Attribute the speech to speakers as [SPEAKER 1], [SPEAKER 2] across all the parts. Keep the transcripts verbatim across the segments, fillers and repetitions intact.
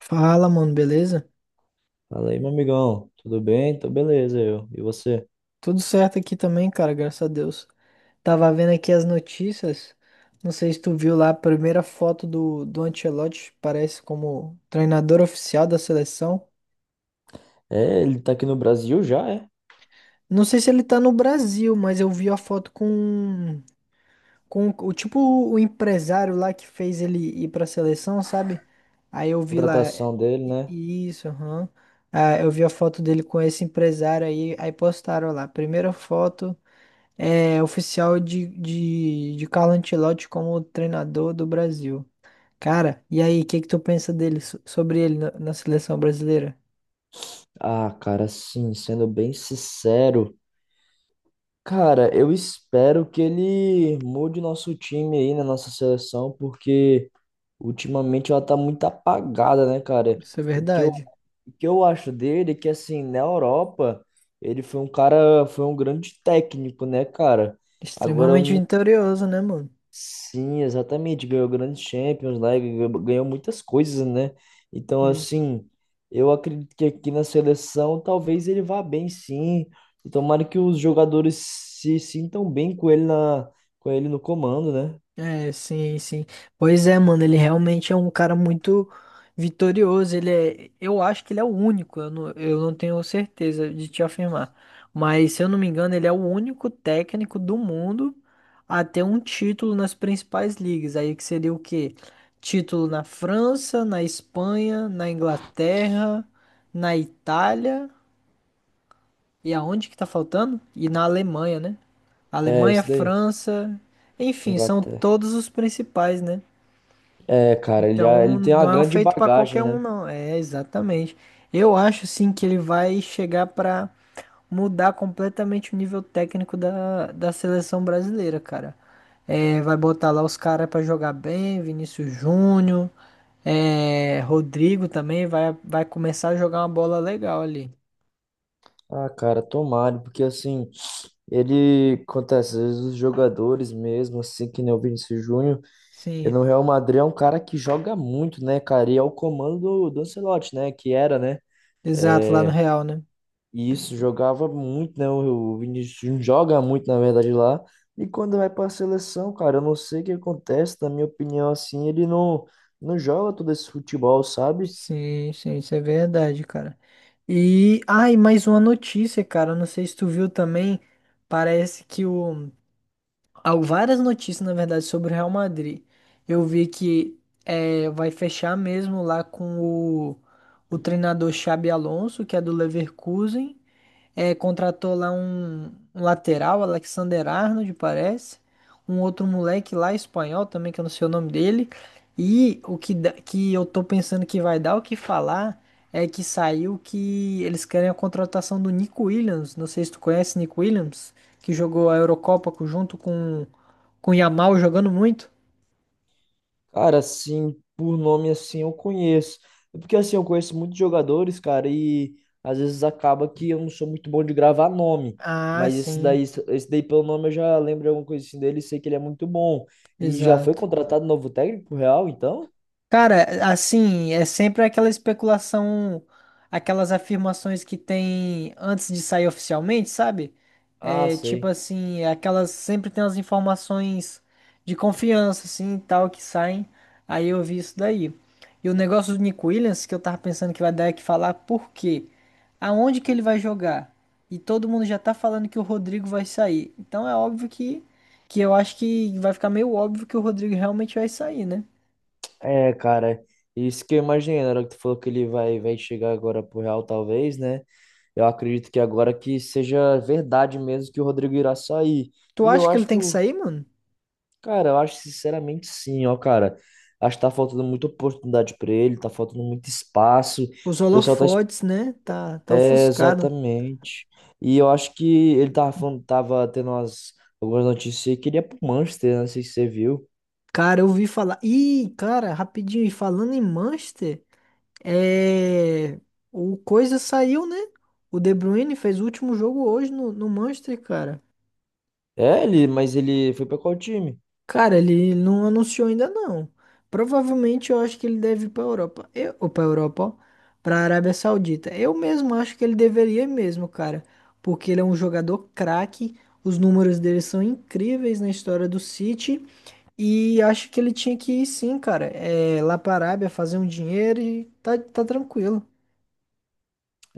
[SPEAKER 1] Fala, mano, beleza?
[SPEAKER 2] Fala aí, meu amigão. Tudo bem? Tô beleza, eu. E você?
[SPEAKER 1] Tudo certo aqui também, cara, graças a Deus. Tava vendo aqui as notícias. Não sei se tu viu lá a primeira foto do, do Ancelotti, parece como treinador oficial da seleção.
[SPEAKER 2] É, ele tá aqui no Brasil já, é?
[SPEAKER 1] Não sei se ele tá no Brasil, mas eu vi a foto com, com o tipo o empresário lá que fez ele ir pra seleção, sabe? Aí eu vi lá.
[SPEAKER 2] Contratação dele, né?
[SPEAKER 1] Isso, aham. Ah, eu vi a foto dele com esse empresário aí, aí postaram lá. Primeira foto. É, oficial de, de, de Carlo Ancelotti como treinador do Brasil. Cara, e aí, o que que tu pensa dele, so- sobre ele na, na seleção brasileira?
[SPEAKER 2] Ah, cara, sim, sendo bem sincero. Cara, eu espero que ele mude nosso time aí, na nossa seleção, porque ultimamente ela tá muito apagada, né, cara?
[SPEAKER 1] Isso é
[SPEAKER 2] O que eu,
[SPEAKER 1] verdade.
[SPEAKER 2] o que eu acho dele é que, assim, na Europa, ele foi um cara, foi um grande técnico, né, cara? Agora,
[SPEAKER 1] Extremamente vitorioso, né, mano?
[SPEAKER 2] sim, exatamente. Ganhou grandes Champions lá, e ganhou ganhou muitas coisas, né? Então,
[SPEAKER 1] Isso.
[SPEAKER 2] assim, eu acredito que aqui na seleção talvez ele vá bem, sim. E tomara que os jogadores se sintam bem com ele na, com ele no comando, né?
[SPEAKER 1] É, sim, sim. Pois é, mano, ele realmente é um cara muito vitorioso. Ele é, eu acho que ele é o único, eu não, eu não tenho certeza de te afirmar. Mas, se eu não me engano, ele é o único técnico do mundo a ter um título nas principais ligas. Aí que seria o quê? Título na França, na Espanha, na Inglaterra, na Itália. E aonde que tá faltando? E na Alemanha, né?
[SPEAKER 2] É,
[SPEAKER 1] Alemanha,
[SPEAKER 2] isso daí.
[SPEAKER 1] França, enfim, são
[SPEAKER 2] Inglaterra.
[SPEAKER 1] todos os principais, né?
[SPEAKER 2] É, cara, ele, já-
[SPEAKER 1] Então
[SPEAKER 2] ele tem uma
[SPEAKER 1] não é um
[SPEAKER 2] grande
[SPEAKER 1] feito para qualquer
[SPEAKER 2] bagagem,
[SPEAKER 1] um,
[SPEAKER 2] né?
[SPEAKER 1] não. É exatamente. Eu acho sim que ele vai chegar para mudar completamente o nível técnico da, da seleção brasileira, cara. É, vai botar lá os caras para jogar bem, Vinícius Júnior, é, Rodrigo também vai, vai começar a jogar uma bola legal ali.
[SPEAKER 2] Ah, cara, tomara, porque assim, ele acontece, às vezes os jogadores mesmo, assim, que nem o Vinícius Júnior. E
[SPEAKER 1] Sim,
[SPEAKER 2] no Real Madrid é um cara que joga muito, né, cara? E é o comando do, do Ancelotti, né? Que era, né?
[SPEAKER 1] exato, lá no Real, né?
[SPEAKER 2] E isso jogava muito, né? O, o Vinícius Júnior joga muito, na verdade, lá. E quando vai pra seleção, cara, eu não sei o que acontece, na minha opinião, assim, ele não, não joga todo esse futebol, sabe?
[SPEAKER 1] Sim, sim, isso é verdade, cara. E, ai, mais uma notícia, cara. Não sei se tu viu também. Parece que o. Há várias notícias, na verdade, sobre o Real Madrid. Eu vi que é, vai fechar mesmo lá com o, o treinador Xabi Alonso, que é do Leverkusen. É, contratou lá um, um lateral, Alexander Arnold, parece. Um outro moleque lá, espanhol também, que eu não sei o nome dele. E o que, dá- que eu tô pensando que vai dar o que falar é que saiu que eles querem a contratação do Nico Williams. Não sei se tu conhece Nico Williams, que jogou a Eurocopa co- junto com, com o Yamal, jogando muito.
[SPEAKER 2] Cara, assim, por nome assim eu conheço. É. Porque assim, eu conheço muitos jogadores, cara, e às vezes acaba que eu não sou muito bom de gravar nome.
[SPEAKER 1] Ah,
[SPEAKER 2] Mas esse daí,
[SPEAKER 1] sim,
[SPEAKER 2] esse daí pelo nome eu já lembro alguma coisa assim dele e sei que ele é muito bom. E já foi
[SPEAKER 1] exato.
[SPEAKER 2] contratado novo técnico pro Real, então?
[SPEAKER 1] Cara, assim, é sempre aquela especulação, aquelas afirmações que tem antes de sair oficialmente, sabe?
[SPEAKER 2] Ah,
[SPEAKER 1] É, tipo
[SPEAKER 2] sei.
[SPEAKER 1] assim, aquelas sempre tem as informações de confiança, assim, e tal, que saem. Aí eu vi isso daí. E o negócio do Nick Williams, que eu tava pensando que vai dar é que falar por quê? Aonde que ele vai jogar? E todo mundo já tá falando que o Rodrigo vai sair. Então é óbvio que, que eu acho que vai ficar meio óbvio que o Rodrigo realmente vai sair, né?
[SPEAKER 2] É, cara, isso que eu imaginei, na hora que tu falou que ele vai, vai chegar agora pro Real, talvez, né? Eu acredito que agora que seja verdade mesmo que o Rodrigo irá sair.
[SPEAKER 1] Tu
[SPEAKER 2] E eu
[SPEAKER 1] acha que ele
[SPEAKER 2] acho que
[SPEAKER 1] tem que
[SPEAKER 2] o
[SPEAKER 1] sair, mano?
[SPEAKER 2] Cara, eu acho sinceramente sim, ó, cara. Acho que tá faltando muita oportunidade pra ele, tá faltando muito espaço. O
[SPEAKER 1] Os
[SPEAKER 2] pessoal tá. es-
[SPEAKER 1] holofotes, né? Tá, tá
[SPEAKER 2] É,
[SPEAKER 1] ofuscado.
[SPEAKER 2] exatamente. E eu acho que ele tava falando, tava tendo umas, algumas notícias aí que ele ia pro Manchester, né? Não sei se você viu.
[SPEAKER 1] Cara, eu ouvi falar. Ih, cara, rapidinho, e falando em Manchester, é. O coisa saiu, né? O De Bruyne fez o último jogo hoje no, no Manchester, cara.
[SPEAKER 2] É, ele, mas ele foi pra qual time?
[SPEAKER 1] Cara, ele não anunciou ainda não. Provavelmente eu acho que ele deve ir para Europa. Eu, ou para Europa, ó, para Arábia Saudita. Eu mesmo acho que ele deveria ir mesmo, cara, porque ele é um jogador craque, os números dele são incríveis na história do City e acho que ele tinha que ir sim, cara. É, lá para Arábia fazer um dinheiro e tá, tá tranquilo.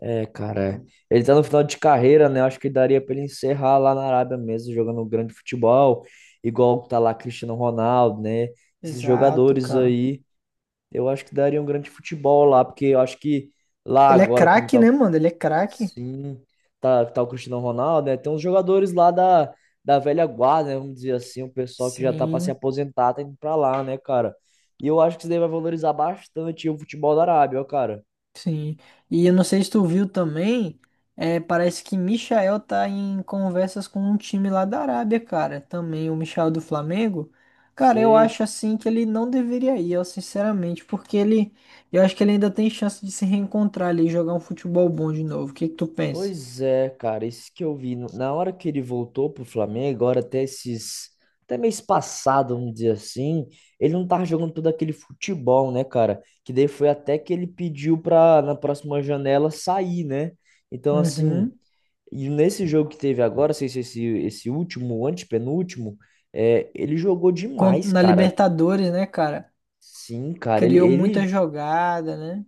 [SPEAKER 2] É, cara. Ele tá no final de carreira, né? Eu acho que daria pra ele encerrar lá na Arábia mesmo, jogando um grande futebol, igual tá lá Cristiano Ronaldo, né? Esses
[SPEAKER 1] Exato,
[SPEAKER 2] jogadores
[SPEAKER 1] cara.
[SPEAKER 2] aí. Eu acho que daria um grande futebol lá, porque eu acho que lá
[SPEAKER 1] Ele é
[SPEAKER 2] agora, como
[SPEAKER 1] craque,
[SPEAKER 2] tá,
[SPEAKER 1] né, mano? Ele é craque.
[SPEAKER 2] sim, tá, tá o Cristiano Ronaldo, né? Tem uns jogadores lá da, da velha guarda, né, vamos dizer assim, o pessoal que já tá pra se
[SPEAKER 1] Sim.
[SPEAKER 2] aposentar, tá indo pra lá, né, cara? E eu acho que isso daí vai valorizar bastante o futebol da Arábia, ó, cara.
[SPEAKER 1] Sim. E eu não sei se tu viu também, é, parece que Michael tá em conversas com um time lá da Arábia, cara. Também o Michael do Flamengo. Cara, eu
[SPEAKER 2] Sei.
[SPEAKER 1] acho assim que ele não deveria ir, eu sinceramente, porque ele, eu acho que ele ainda tem chance de se reencontrar ali e jogar um futebol bom de novo. O que que tu pensa?
[SPEAKER 2] Pois é, cara, isso que eu vi. No- Na hora que ele voltou pro Flamengo, agora até esses. Até mês passado, vamos dizer assim, ele não tava jogando todo aquele futebol, né, cara? Que daí foi até que ele pediu pra, na próxima janela, sair, né? Então,
[SPEAKER 1] Uhum.
[SPEAKER 2] assim, e nesse jogo que teve agora, sei se esse, esse último, o antepenúltimo, é, ele jogou
[SPEAKER 1] Con-
[SPEAKER 2] demais,
[SPEAKER 1] Na
[SPEAKER 2] cara.
[SPEAKER 1] Libertadores, né, cara?
[SPEAKER 2] Sim, cara, ele,
[SPEAKER 1] Criou muita
[SPEAKER 2] ele
[SPEAKER 1] jogada, né?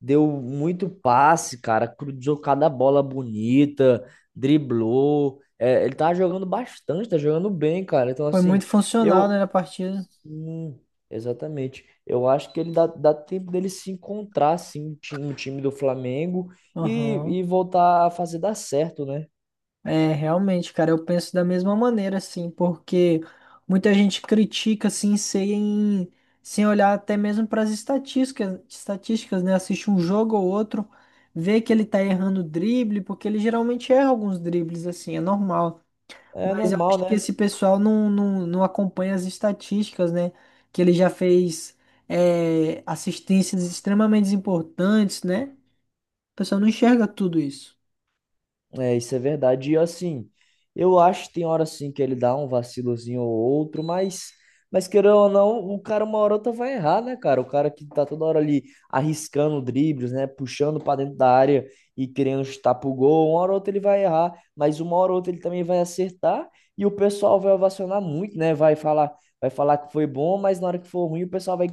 [SPEAKER 2] deu muito passe, cara. Cruzou cada bola bonita, driblou. É, ele tá jogando bastante, tá jogando bem, cara. Então,
[SPEAKER 1] Foi muito
[SPEAKER 2] assim,
[SPEAKER 1] funcional, né,
[SPEAKER 2] eu.
[SPEAKER 1] na partida.
[SPEAKER 2] Sim, exatamente. Eu acho que ele dá, dá tempo dele se encontrar, assim, no ti- no time do Flamengo e,
[SPEAKER 1] Aham.
[SPEAKER 2] e voltar a fazer dar certo, né?
[SPEAKER 1] É, realmente, cara, eu penso da mesma maneira, assim, porque muita gente critica, assim, sem, sem olhar até mesmo para as estatísticas, estatísticas, né? Assiste um jogo ou outro, vê que ele tá errando o drible, porque ele geralmente erra alguns dribles, assim, é normal.
[SPEAKER 2] É
[SPEAKER 1] Mas eu
[SPEAKER 2] normal,
[SPEAKER 1] acho que
[SPEAKER 2] né?
[SPEAKER 1] esse pessoal não, não, não acompanha as estatísticas, né? Que ele já fez é, assistências extremamente importantes, né? O pessoal não enxerga tudo isso.
[SPEAKER 2] É, isso é verdade. E assim, eu acho que tem hora assim que ele dá um vacilozinho ou outro, mas, mas querendo ou não, o cara uma hora ou outra vai errar, né, cara? O cara que tá toda hora ali arriscando dribles, né, puxando pra dentro da área e querendo chutar pro gol, uma hora ou outra ele vai errar, mas uma hora ou outra ele também vai acertar e o pessoal vai ovacionar muito, né? Vai falar, vai falar que foi bom, mas na hora que for ruim o pessoal vai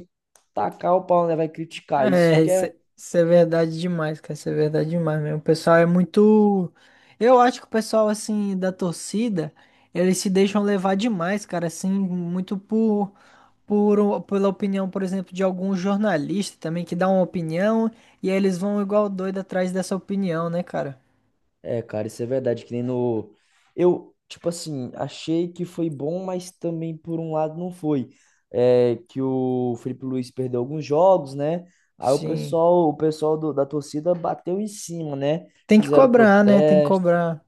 [SPEAKER 2] tacar o pau, né? Vai criticar. Isso
[SPEAKER 1] É,
[SPEAKER 2] que
[SPEAKER 1] isso
[SPEAKER 2] é
[SPEAKER 1] é, isso é verdade demais, cara. Isso é verdade demais mesmo. O pessoal é muito. Eu acho que o pessoal, assim, da torcida, eles se deixam levar demais, cara, assim, muito por, por o- pela opinião, por exemplo, de algum jornalista também que dá uma opinião e aí eles vão igual doido atrás dessa opinião, né, cara?
[SPEAKER 2] É, cara, isso é verdade, que nem no. Eu, tipo assim, achei que foi bom, mas também por um lado não foi. É, que o Felipe Luiz perdeu alguns jogos, né? Aí o
[SPEAKER 1] Sim.
[SPEAKER 2] pessoal, o pessoal do- da torcida bateu em cima, né?
[SPEAKER 1] Tem que
[SPEAKER 2] Fizeram
[SPEAKER 1] cobrar, né? Tem que
[SPEAKER 2] protesto.
[SPEAKER 1] cobrar.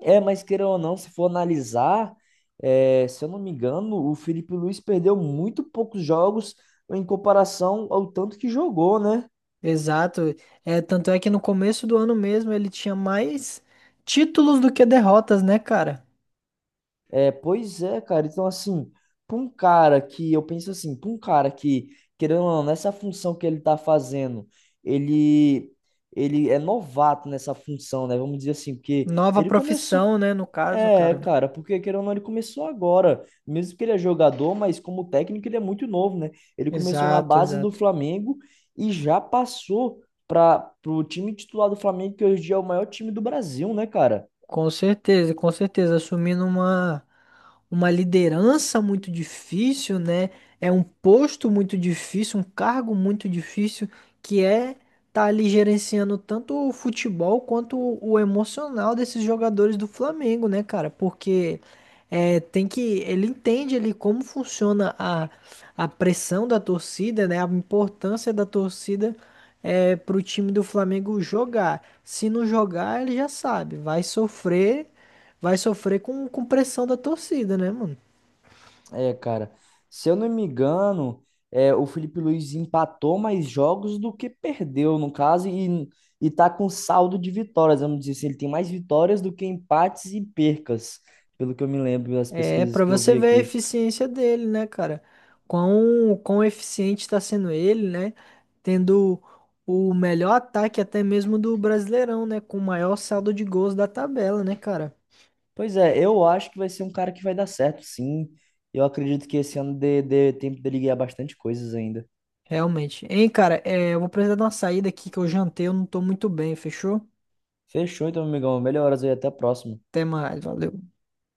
[SPEAKER 2] É, mas queira ou não, se for analisar, é, se eu não me engano, o Felipe Luiz perdeu muito poucos jogos em comparação ao tanto que jogou, né?
[SPEAKER 1] Exato. É, tanto é que no começo do ano mesmo ele tinha mais títulos do que derrotas, né, cara?
[SPEAKER 2] É, pois é, cara. Então, assim, pra um cara que, eu penso assim, pra um cara que, querendo ou não, nessa função que ele tá fazendo, ele, ele é novato nessa função, né? Vamos dizer assim, porque
[SPEAKER 1] Nova
[SPEAKER 2] ele começou.
[SPEAKER 1] profissão, né? No caso,
[SPEAKER 2] É,
[SPEAKER 1] cara.
[SPEAKER 2] cara, porque querendo ou não, ele começou agora. Mesmo que ele é jogador, mas como técnico ele é muito novo, né? Ele começou na
[SPEAKER 1] Exato,
[SPEAKER 2] base do
[SPEAKER 1] exato.
[SPEAKER 2] Flamengo e já passou para pro time titular do Flamengo, que hoje em dia é o maior time do Brasil, né, cara?
[SPEAKER 1] Com certeza, com certeza. Assumindo uma, uma liderança muito difícil, né? É um posto muito difícil, um cargo muito difícil, que é tá ali gerenciando tanto o futebol quanto o o emocional desses jogadores do Flamengo, né, cara? Porque. É, tem que, ele entende ali como funciona a, a pressão da torcida, né? A importância da torcida é, para o time do Flamengo jogar. Se não jogar, ele já sabe, vai sofrer, vai sofrer com, com pressão da torcida, né, mano?
[SPEAKER 2] É, cara, se eu não me engano, é, o Felipe Luiz empatou mais jogos do que perdeu, no caso, e, e tá com saldo de vitórias, vamos dizer assim, ele tem mais vitórias do que empates e percas, pelo que eu me lembro das
[SPEAKER 1] É
[SPEAKER 2] pesquisas
[SPEAKER 1] para
[SPEAKER 2] que eu
[SPEAKER 1] você
[SPEAKER 2] vi
[SPEAKER 1] ver a
[SPEAKER 2] aqui.
[SPEAKER 1] eficiência dele, né, cara? Quão, quão eficiente está sendo ele, né? Tendo o melhor ataque até mesmo do Brasileirão, né? Com o maior saldo de gols da tabela, né, cara?
[SPEAKER 2] Pois é, eu acho que vai ser um cara que vai dar certo, sim. Eu acredito que esse ano dê, dê tempo dele ganhar bastante coisas ainda.
[SPEAKER 1] Realmente. Hein, cara, é, eu vou precisar de uma saída aqui que eu jantei, eu não tô muito bem, fechou?
[SPEAKER 2] Fechou, então, amigão. Melhoras aí, até a próxima.
[SPEAKER 1] Até mais, valeu.